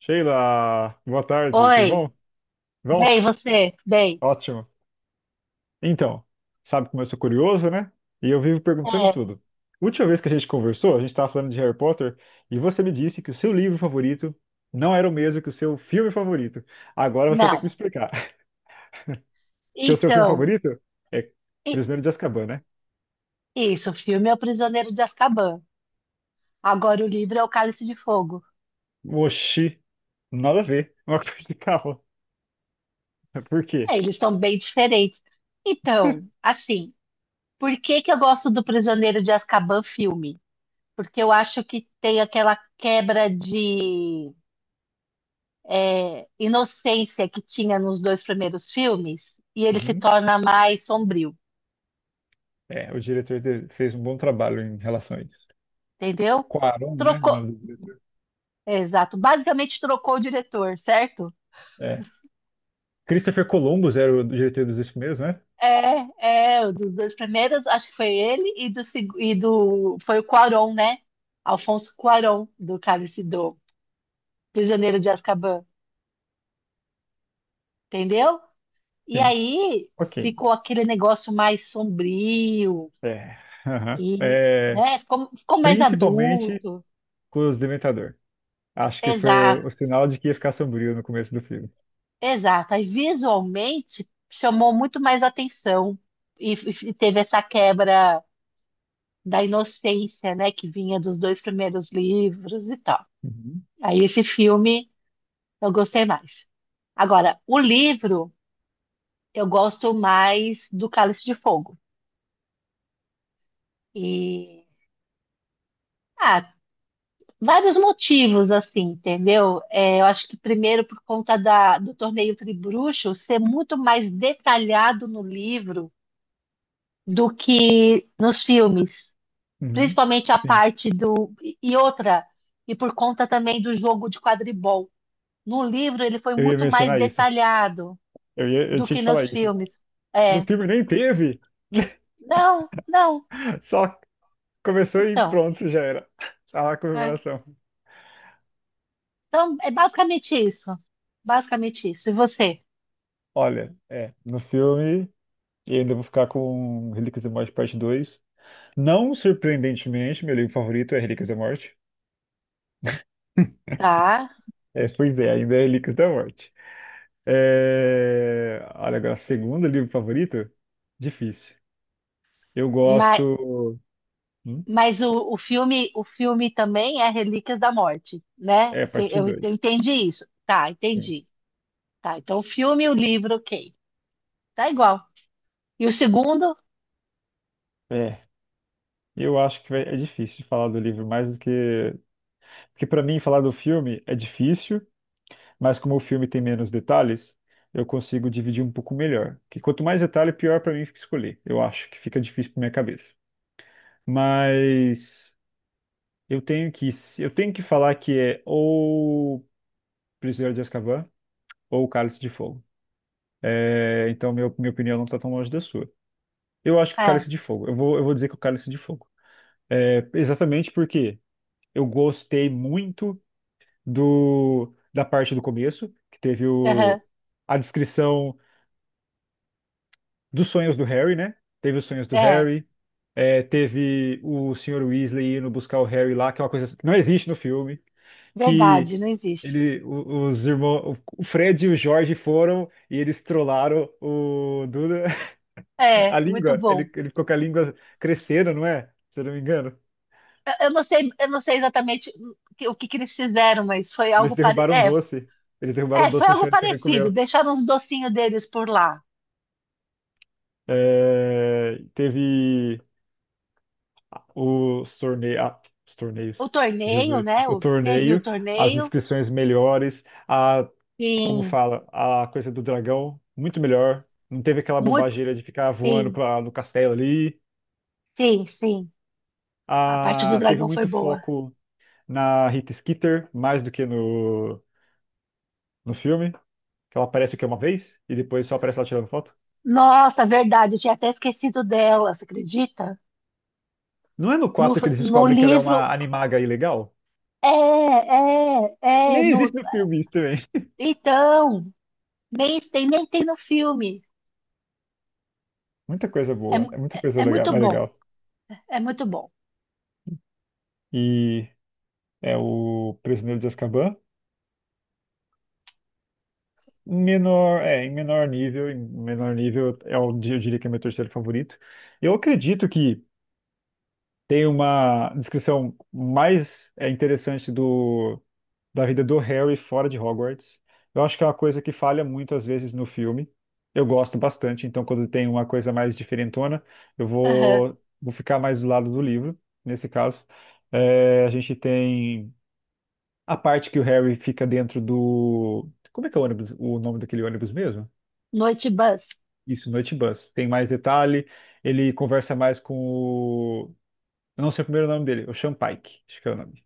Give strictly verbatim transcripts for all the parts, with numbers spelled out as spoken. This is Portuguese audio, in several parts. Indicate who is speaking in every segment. Speaker 1: Sheila, boa tarde, tudo
Speaker 2: Oi,
Speaker 1: bom? Bom?
Speaker 2: bem, você? Bem,
Speaker 1: Ótimo. Então, sabe como eu sou curioso, né? E eu vivo perguntando
Speaker 2: é,
Speaker 1: tudo. Última vez que a gente conversou, a gente estava falando de Harry Potter e você me disse que o seu livro favorito não era o mesmo que o seu filme favorito. Agora você tem que me
Speaker 2: não.
Speaker 1: explicar. Que o seu filme
Speaker 2: Então,
Speaker 1: favorito é
Speaker 2: i-
Speaker 1: Prisioneiro de Azkaban, né?
Speaker 2: isso, o filme é O Prisioneiro de Azkaban. Agora o livro é O Cálice de Fogo.
Speaker 1: Oxi, nada a ver. Uma coisa de carro. Por quê?
Speaker 2: É, eles estão bem diferentes. Então, assim, por que que eu gosto do Prisioneiro de Azkaban filme? Porque eu acho que tem aquela quebra de é, inocência que tinha nos dois primeiros filmes e ele se
Speaker 1: Uhum.
Speaker 2: torna mais sombrio,
Speaker 1: É, o diretor de- fez um bom trabalho em relação a isso.
Speaker 2: entendeu?
Speaker 1: Cuarón, né? O
Speaker 2: Trocou,
Speaker 1: nome do diretor.
Speaker 2: exato, basicamente trocou o diretor, certo?
Speaker 1: É. Christopher Columbus era o diretor dos dois primeiros, né?
Speaker 2: É, é, o dos dois primeiros, acho que foi ele e do, seg- e do foi o Cuarón, né? Alfonso Cuarón, do Cálice do Prisioneiro de Azkaban, entendeu? E
Speaker 1: Sim.
Speaker 2: aí
Speaker 1: Ok.
Speaker 2: ficou aquele negócio mais sombrio
Speaker 1: É. aham.
Speaker 2: e,
Speaker 1: É,
Speaker 2: né, ficou, ficou mais
Speaker 1: principalmente
Speaker 2: adulto.
Speaker 1: com os Dementador. Acho que foi
Speaker 2: Exato,
Speaker 1: o, o sinal de que ia ficar sombrio no começo do filme.
Speaker 2: exato. Aí visualmente chamou muito mais atenção e, f- e teve essa quebra da inocência, né, que vinha dos dois primeiros livros e tal.
Speaker 1: Uhum.
Speaker 2: Aí esse filme eu gostei mais. Agora, o livro, eu gosto mais do Cálice de Fogo. E, ah, vários motivos, assim, entendeu? É, eu acho que primeiro por conta da, do Torneio Tribruxo ser muito mais detalhado no livro do que nos filmes.
Speaker 1: Uhum.
Speaker 2: Principalmente a
Speaker 1: Sim.
Speaker 2: parte do... E outra, e por conta também do jogo de quadribol. No livro ele foi
Speaker 1: Eu ia
Speaker 2: muito mais
Speaker 1: mencionar isso.
Speaker 2: detalhado
Speaker 1: Eu ia, eu
Speaker 2: do
Speaker 1: tinha
Speaker 2: que
Speaker 1: que falar
Speaker 2: nos
Speaker 1: isso.
Speaker 2: filmes.
Speaker 1: No
Speaker 2: É,
Speaker 1: filme nem teve.
Speaker 2: não, não.
Speaker 1: Só começou e
Speaker 2: Então...
Speaker 1: pronto, já era. Tá lá a
Speaker 2: É.
Speaker 1: comemoração.
Speaker 2: Então, é basicamente isso. Basicamente isso. E você?
Speaker 1: Olha, é, no filme, e ainda vou ficar com Relíquias da Morte Parte dois. Não surpreendentemente, meu livro favorito é Relíquias da Morte.
Speaker 2: Tá.
Speaker 1: É, pois é, ainda é Relíquias da Morte. É... Olha, agora, segundo livro favorito? Difícil. Eu
Speaker 2: Mas,
Speaker 1: gosto. Hum?
Speaker 2: mas o, o filme, o filme também é Relíquias da Morte, né?
Speaker 1: É,
Speaker 2: Cê-
Speaker 1: parte
Speaker 2: Eu, eu
Speaker 1: dois.
Speaker 2: entendi isso. Tá, entendi. Tá, então o filme e o livro, ok. Tá igual. E o segundo?
Speaker 1: É, eu acho que vai- é difícil falar do livro mais do que. Porque, para mim, falar do filme é difícil, mas como o filme tem menos detalhes, eu consigo dividir um pouco melhor. Que quanto mais detalhe, pior para mim fica escolher. Eu acho que fica difícil para minha cabeça. Mas eu tenho que, eu tenho que falar que é ou Prisioneiro de Azkaban ou o Cálice de Fogo. É, então, minha, minha opinião não está tão longe da sua. Eu acho que o
Speaker 2: É.
Speaker 1: Cálice de Fogo. Eu vou, eu vou dizer que o Cálice de Fogo. É, exatamente porque eu gostei muito do, da parte do começo, que teve
Speaker 2: Aham,
Speaker 1: o, a descrição dos sonhos do Harry, né? Teve os sonhos do
Speaker 2: é.
Speaker 1: Harry, é, teve o senhor Weasley indo buscar o Harry lá, que é uma coisa que não existe no filme, que
Speaker 2: Verdade, não existe.
Speaker 1: ele, o- os irmãos, o o Fred e o Jorge foram e eles trollaram o Duda. A
Speaker 2: É, muito
Speaker 1: língua,
Speaker 2: bom.
Speaker 1: ele, ele ficou com a língua crescendo, não é? Se eu não me engano.
Speaker 2: Eu, eu não sei, eu não sei exatamente o que, o que que eles fizeram, mas foi
Speaker 1: Eles
Speaker 2: algo pare...
Speaker 1: derrubaram um
Speaker 2: é,
Speaker 1: doce. Eles derrubaram
Speaker 2: é,
Speaker 1: um
Speaker 2: foi
Speaker 1: doce no
Speaker 2: algo
Speaker 1: chão e ele pegou e
Speaker 2: parecido.
Speaker 1: comeu.
Speaker 2: Deixaram os docinhos deles por lá.
Speaker 1: É, teve os torneios. Ah, os
Speaker 2: O
Speaker 1: torneios.
Speaker 2: torneio,
Speaker 1: Jesus.
Speaker 2: né?
Speaker 1: O
Speaker 2: O, teve o
Speaker 1: torneio, as
Speaker 2: torneio.
Speaker 1: descrições melhores, a, como
Speaker 2: Sim,
Speaker 1: fala, a coisa do dragão, muito melhor. Não teve aquela
Speaker 2: muito.
Speaker 1: bobageira de ficar voando
Speaker 2: Sim,
Speaker 1: pra, no castelo ali.
Speaker 2: sim, sim. A parte do
Speaker 1: Ah, teve
Speaker 2: dragão foi
Speaker 1: muito
Speaker 2: boa.
Speaker 1: foco na Rita Skeeter, mais do que no, no filme. Que ela aparece o quê? Uma vez? E depois só aparece ela tirando foto?
Speaker 2: Nossa, verdade, eu tinha até esquecido dela, você acredita?
Speaker 1: Não é no
Speaker 2: No,
Speaker 1: quatro que eles
Speaker 2: no
Speaker 1: descobrem que ela é
Speaker 2: livro.
Speaker 1: uma animaga ilegal?
Speaker 2: É, é, é.
Speaker 1: Nem
Speaker 2: No,
Speaker 1: existe no filme isso também.
Speaker 2: então, nem tem, nem tem no filme.
Speaker 1: Muita coisa
Speaker 2: É,
Speaker 1: boa.
Speaker 2: mu-
Speaker 1: É muita
Speaker 2: é,
Speaker 1: coisa
Speaker 2: é
Speaker 1: legal,
Speaker 2: muito
Speaker 1: mais
Speaker 2: bom,
Speaker 1: legal.
Speaker 2: é muito bom.
Speaker 1: E é o Prisioneiro de Azkaban. Menor, é, em menor nível, em menor nível é o, eu diria que é meu terceiro favorito. Eu acredito que tem uma descrição mais é, interessante do da vida do Harry fora de Hogwarts. Eu acho que é uma coisa que falha muito às vezes no filme. Eu gosto bastante, então quando tem uma coisa mais diferentona, eu
Speaker 2: Aham.
Speaker 1: vou, vou ficar mais do lado do livro, nesse caso. É, a gente tem a parte que o Harry fica dentro do. Como é que é o ônibus, o nome daquele ônibus mesmo?
Speaker 2: Noite Bus.
Speaker 1: Isso, Noite Bus. Tem mais detalhe, ele conversa mais com o. Eu não sei o primeiro nome dele, o Sean Pike, acho que é o nome.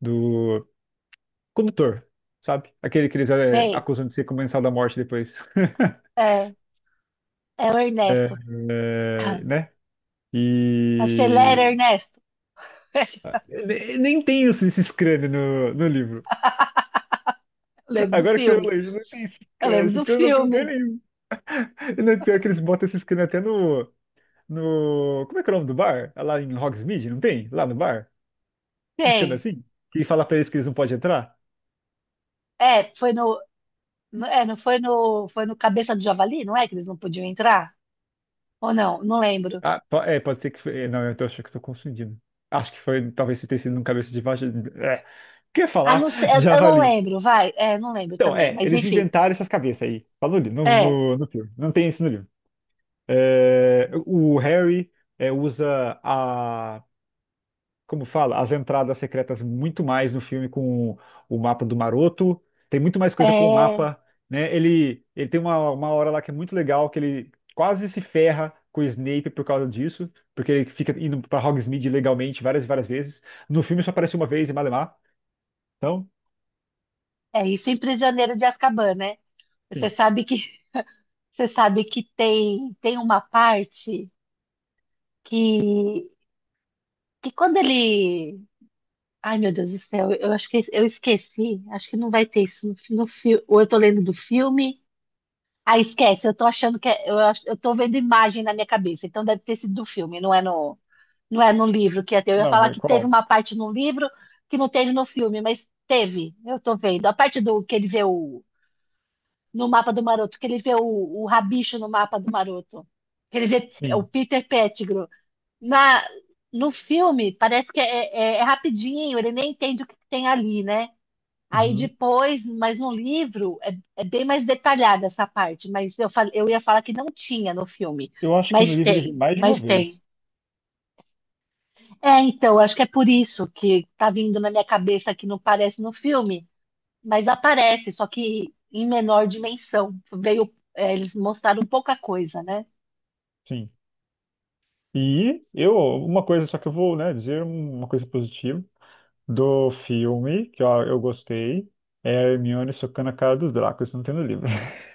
Speaker 1: Do. Condutor, sabe? Aquele que eles é,
Speaker 2: Sei,
Speaker 1: acusam de ser comensal da morte depois.
Speaker 2: é, é o
Speaker 1: É,
Speaker 2: Ernesto.
Speaker 1: é,
Speaker 2: Ah,
Speaker 1: né? E
Speaker 2: acelera, Ernesto.
Speaker 1: ne- nem tem isso, esses crânios no, no livro.
Speaker 2: Lembro do
Speaker 1: Agora que você
Speaker 2: filme.
Speaker 1: falou isso, não tem esses
Speaker 2: Eu
Speaker 1: crânios.
Speaker 2: lembro
Speaker 1: Esses
Speaker 2: do
Speaker 1: crânios não tem lugar
Speaker 2: filme.
Speaker 1: nenhum. E não é pior que eles botam esses crânios até no, no. Como é que é o nome do bar? É Lá em Hogsmeade, não tem? Lá no bar? Uns crânios
Speaker 2: Tem.
Speaker 1: assim? Que fala pra eles que eles não podem entrar?
Speaker 2: É, foi no. no- é, não foi no. Foi no Cabeça do Javali, não é? Que eles não podiam entrar? Ou não? Não lembro.
Speaker 1: Ah, po- é, pode ser que foi. é, Não, eu tô achando que estou confundindo. Acho que foi, talvez tenha sido um cabeça de vaca. É, o que eu ia
Speaker 2: Ah,
Speaker 1: falar?
Speaker 2: não sei, eu
Speaker 1: de
Speaker 2: eu não
Speaker 1: Javali.
Speaker 2: lembro, vai. É, não lembro
Speaker 1: Então,
Speaker 2: também.
Speaker 1: é,
Speaker 2: Mas
Speaker 1: eles
Speaker 2: enfim.
Speaker 1: inventaram essas cabeças aí. Falou ali, no,
Speaker 2: É.
Speaker 1: no, no filme. Não tem isso no livro. É, o Harry é, usa a, como fala, as entradas secretas muito mais no filme com o mapa do Maroto. Tem muito mais coisa com o
Speaker 2: É,
Speaker 1: mapa, né? Ele, ele tem uma, uma hora lá que é muito legal, que ele quase se ferra com o Snape por causa disso, porque ele fica indo para Hogsmeade legalmente várias e várias vezes. No filme só aparece uma vez em Malemar. Então,
Speaker 2: é isso em Prisioneiro de Azkaban, né? Você
Speaker 1: sim.
Speaker 2: sabe que, você sabe que tem, tem uma parte que, que quando ele. Ai, meu Deus do céu, eu acho que eu esqueci. Acho que não vai ter isso no, fi- no filme. Ou eu tô lendo do filme. Ah, esquece, eu tô achando que é- eu, ach- eu tô vendo imagem na minha cabeça, então deve ter sido do filme, não é no, não é no livro que ia ter. Eu ia
Speaker 1: Não,
Speaker 2: falar
Speaker 1: mas
Speaker 2: que teve
Speaker 1: qual?
Speaker 2: uma parte no livro que não teve no filme, mas teve, eu tô vendo. A parte do que ele vê o, no mapa do Maroto, que ele vê o, o rabicho no mapa do Maroto, que ele vê o
Speaker 1: Sim.
Speaker 2: Peter Pettigrew. Na, no filme, parece que é, é- é rapidinho, ele nem entende o que tem ali, né? Aí
Speaker 1: Uhum.
Speaker 2: depois, mas no livro é, é bem mais detalhada essa parte, mas eu, fal- eu ia falar que não tinha no filme,
Speaker 1: Eu acho que no
Speaker 2: mas
Speaker 1: livro ele vem
Speaker 2: tem,
Speaker 1: mais de uma
Speaker 2: mas tem.
Speaker 1: vez.
Speaker 2: É, então, acho que é por isso que tá vindo na minha cabeça que não parece no filme, mas aparece, só que em menor dimensão. Veio, é, eles mostraram pouca coisa, né?
Speaker 1: Sim. E eu, uma coisa só que eu vou, né, dizer uma coisa positiva do filme, que ó, eu gostei, é a Hermione socando a cara dos Dracos, isso não tem no livro.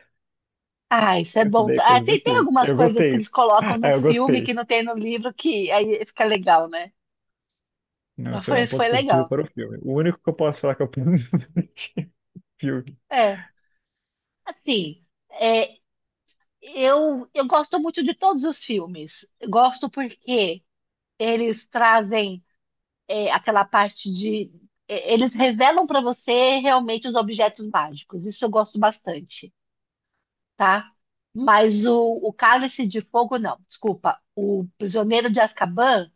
Speaker 2: Ah, isso é
Speaker 1: Isso
Speaker 2: bom.
Speaker 1: daí é
Speaker 2: Ah,
Speaker 1: coisa do
Speaker 2: tem, tem
Speaker 1: filme.
Speaker 2: algumas
Speaker 1: Eu
Speaker 2: coisas que
Speaker 1: gostei.
Speaker 2: eles colocam no
Speaker 1: Ah, eu
Speaker 2: filme que
Speaker 1: gostei.
Speaker 2: não tem no livro que aí fica legal, né?
Speaker 1: Não,
Speaker 2: Mas
Speaker 1: isso é
Speaker 2: foi,
Speaker 1: um ponto
Speaker 2: foi legal.
Speaker 1: positivo para o filme. O único que eu posso falar que é um ponto positivo do filme.
Speaker 2: É, assim. É, Eu, eu gosto muito de todos os filmes. Gosto porque eles trazem é, aquela parte de. É, eles revelam para você realmente os objetos mágicos. Isso eu gosto bastante, tá? Mas o, o Cálice de Fogo, não. Desculpa. O Prisioneiro de Azkaban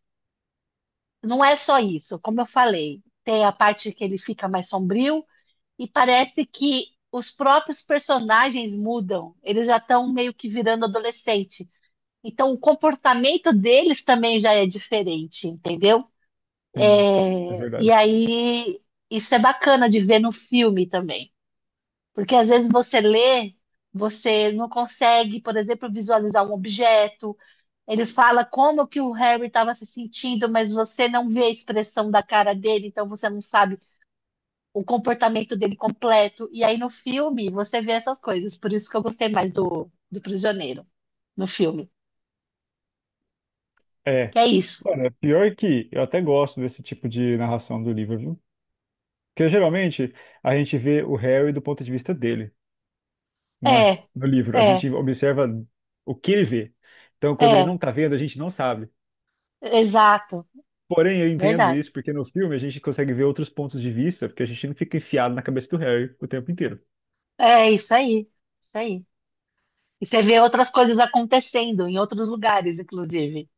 Speaker 2: não é só isso. Como eu falei, tem a parte que ele fica mais sombrio e parece que os próprios personagens mudam. Eles já estão meio que virando adolescente. Então, o comportamento deles também já é diferente, entendeu?
Speaker 1: Sim, é
Speaker 2: E
Speaker 1: verdade.
Speaker 2: aí, isso é bacana de ver no filme também. Porque às vezes você lê, você não consegue, por exemplo, visualizar um objeto. Ele fala como que o Harry estava se sentindo, mas você não vê a expressão da cara dele, então você não sabe o comportamento dele completo. E aí no filme você vê essas coisas. Por isso que eu gostei mais do, do Prisioneiro, no filme.
Speaker 1: É.
Speaker 2: Que é isso.
Speaker 1: Olha, pior que eu até gosto desse tipo de narração do livro, viu? Porque geralmente a gente vê o Harry do ponto de vista dele, não é?
Speaker 2: É,
Speaker 1: No livro. A
Speaker 2: é.
Speaker 1: gente observa o que ele vê. Então, quando ele
Speaker 2: É,
Speaker 1: não tá vendo, a gente não sabe.
Speaker 2: exato,
Speaker 1: Porém, eu entendo
Speaker 2: verdade.
Speaker 1: isso porque no filme a gente consegue ver outros pontos de vista, porque a gente não fica enfiado na cabeça do Harry o tempo inteiro.
Speaker 2: É isso aí, isso aí. E você vê outras coisas acontecendo em outros lugares, inclusive.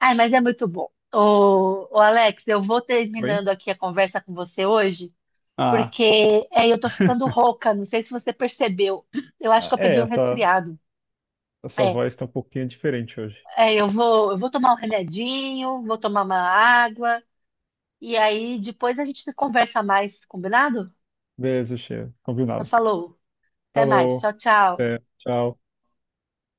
Speaker 2: Ai, mas é muito bom. Ô, ô Alex, eu vou
Speaker 1: Oi?
Speaker 2: terminando aqui a conversa com você hoje,
Speaker 1: Ah,
Speaker 2: porque é, eu tô ficando rouca, não sei se você percebeu. Eu acho que eu
Speaker 1: é,
Speaker 2: peguei
Speaker 1: a
Speaker 2: um
Speaker 1: sua,
Speaker 2: resfriado.
Speaker 1: a sua
Speaker 2: É,
Speaker 1: voz tá um pouquinho diferente hoje.
Speaker 2: é, eu vou, eu vou tomar um remedinho, vou tomar uma água, e aí depois a gente conversa mais, combinado?
Speaker 1: Beleza, chefe.
Speaker 2: Já
Speaker 1: Combinado.
Speaker 2: falou. Até mais.
Speaker 1: Falou.
Speaker 2: Tchau, tchau.
Speaker 1: Até. Tchau.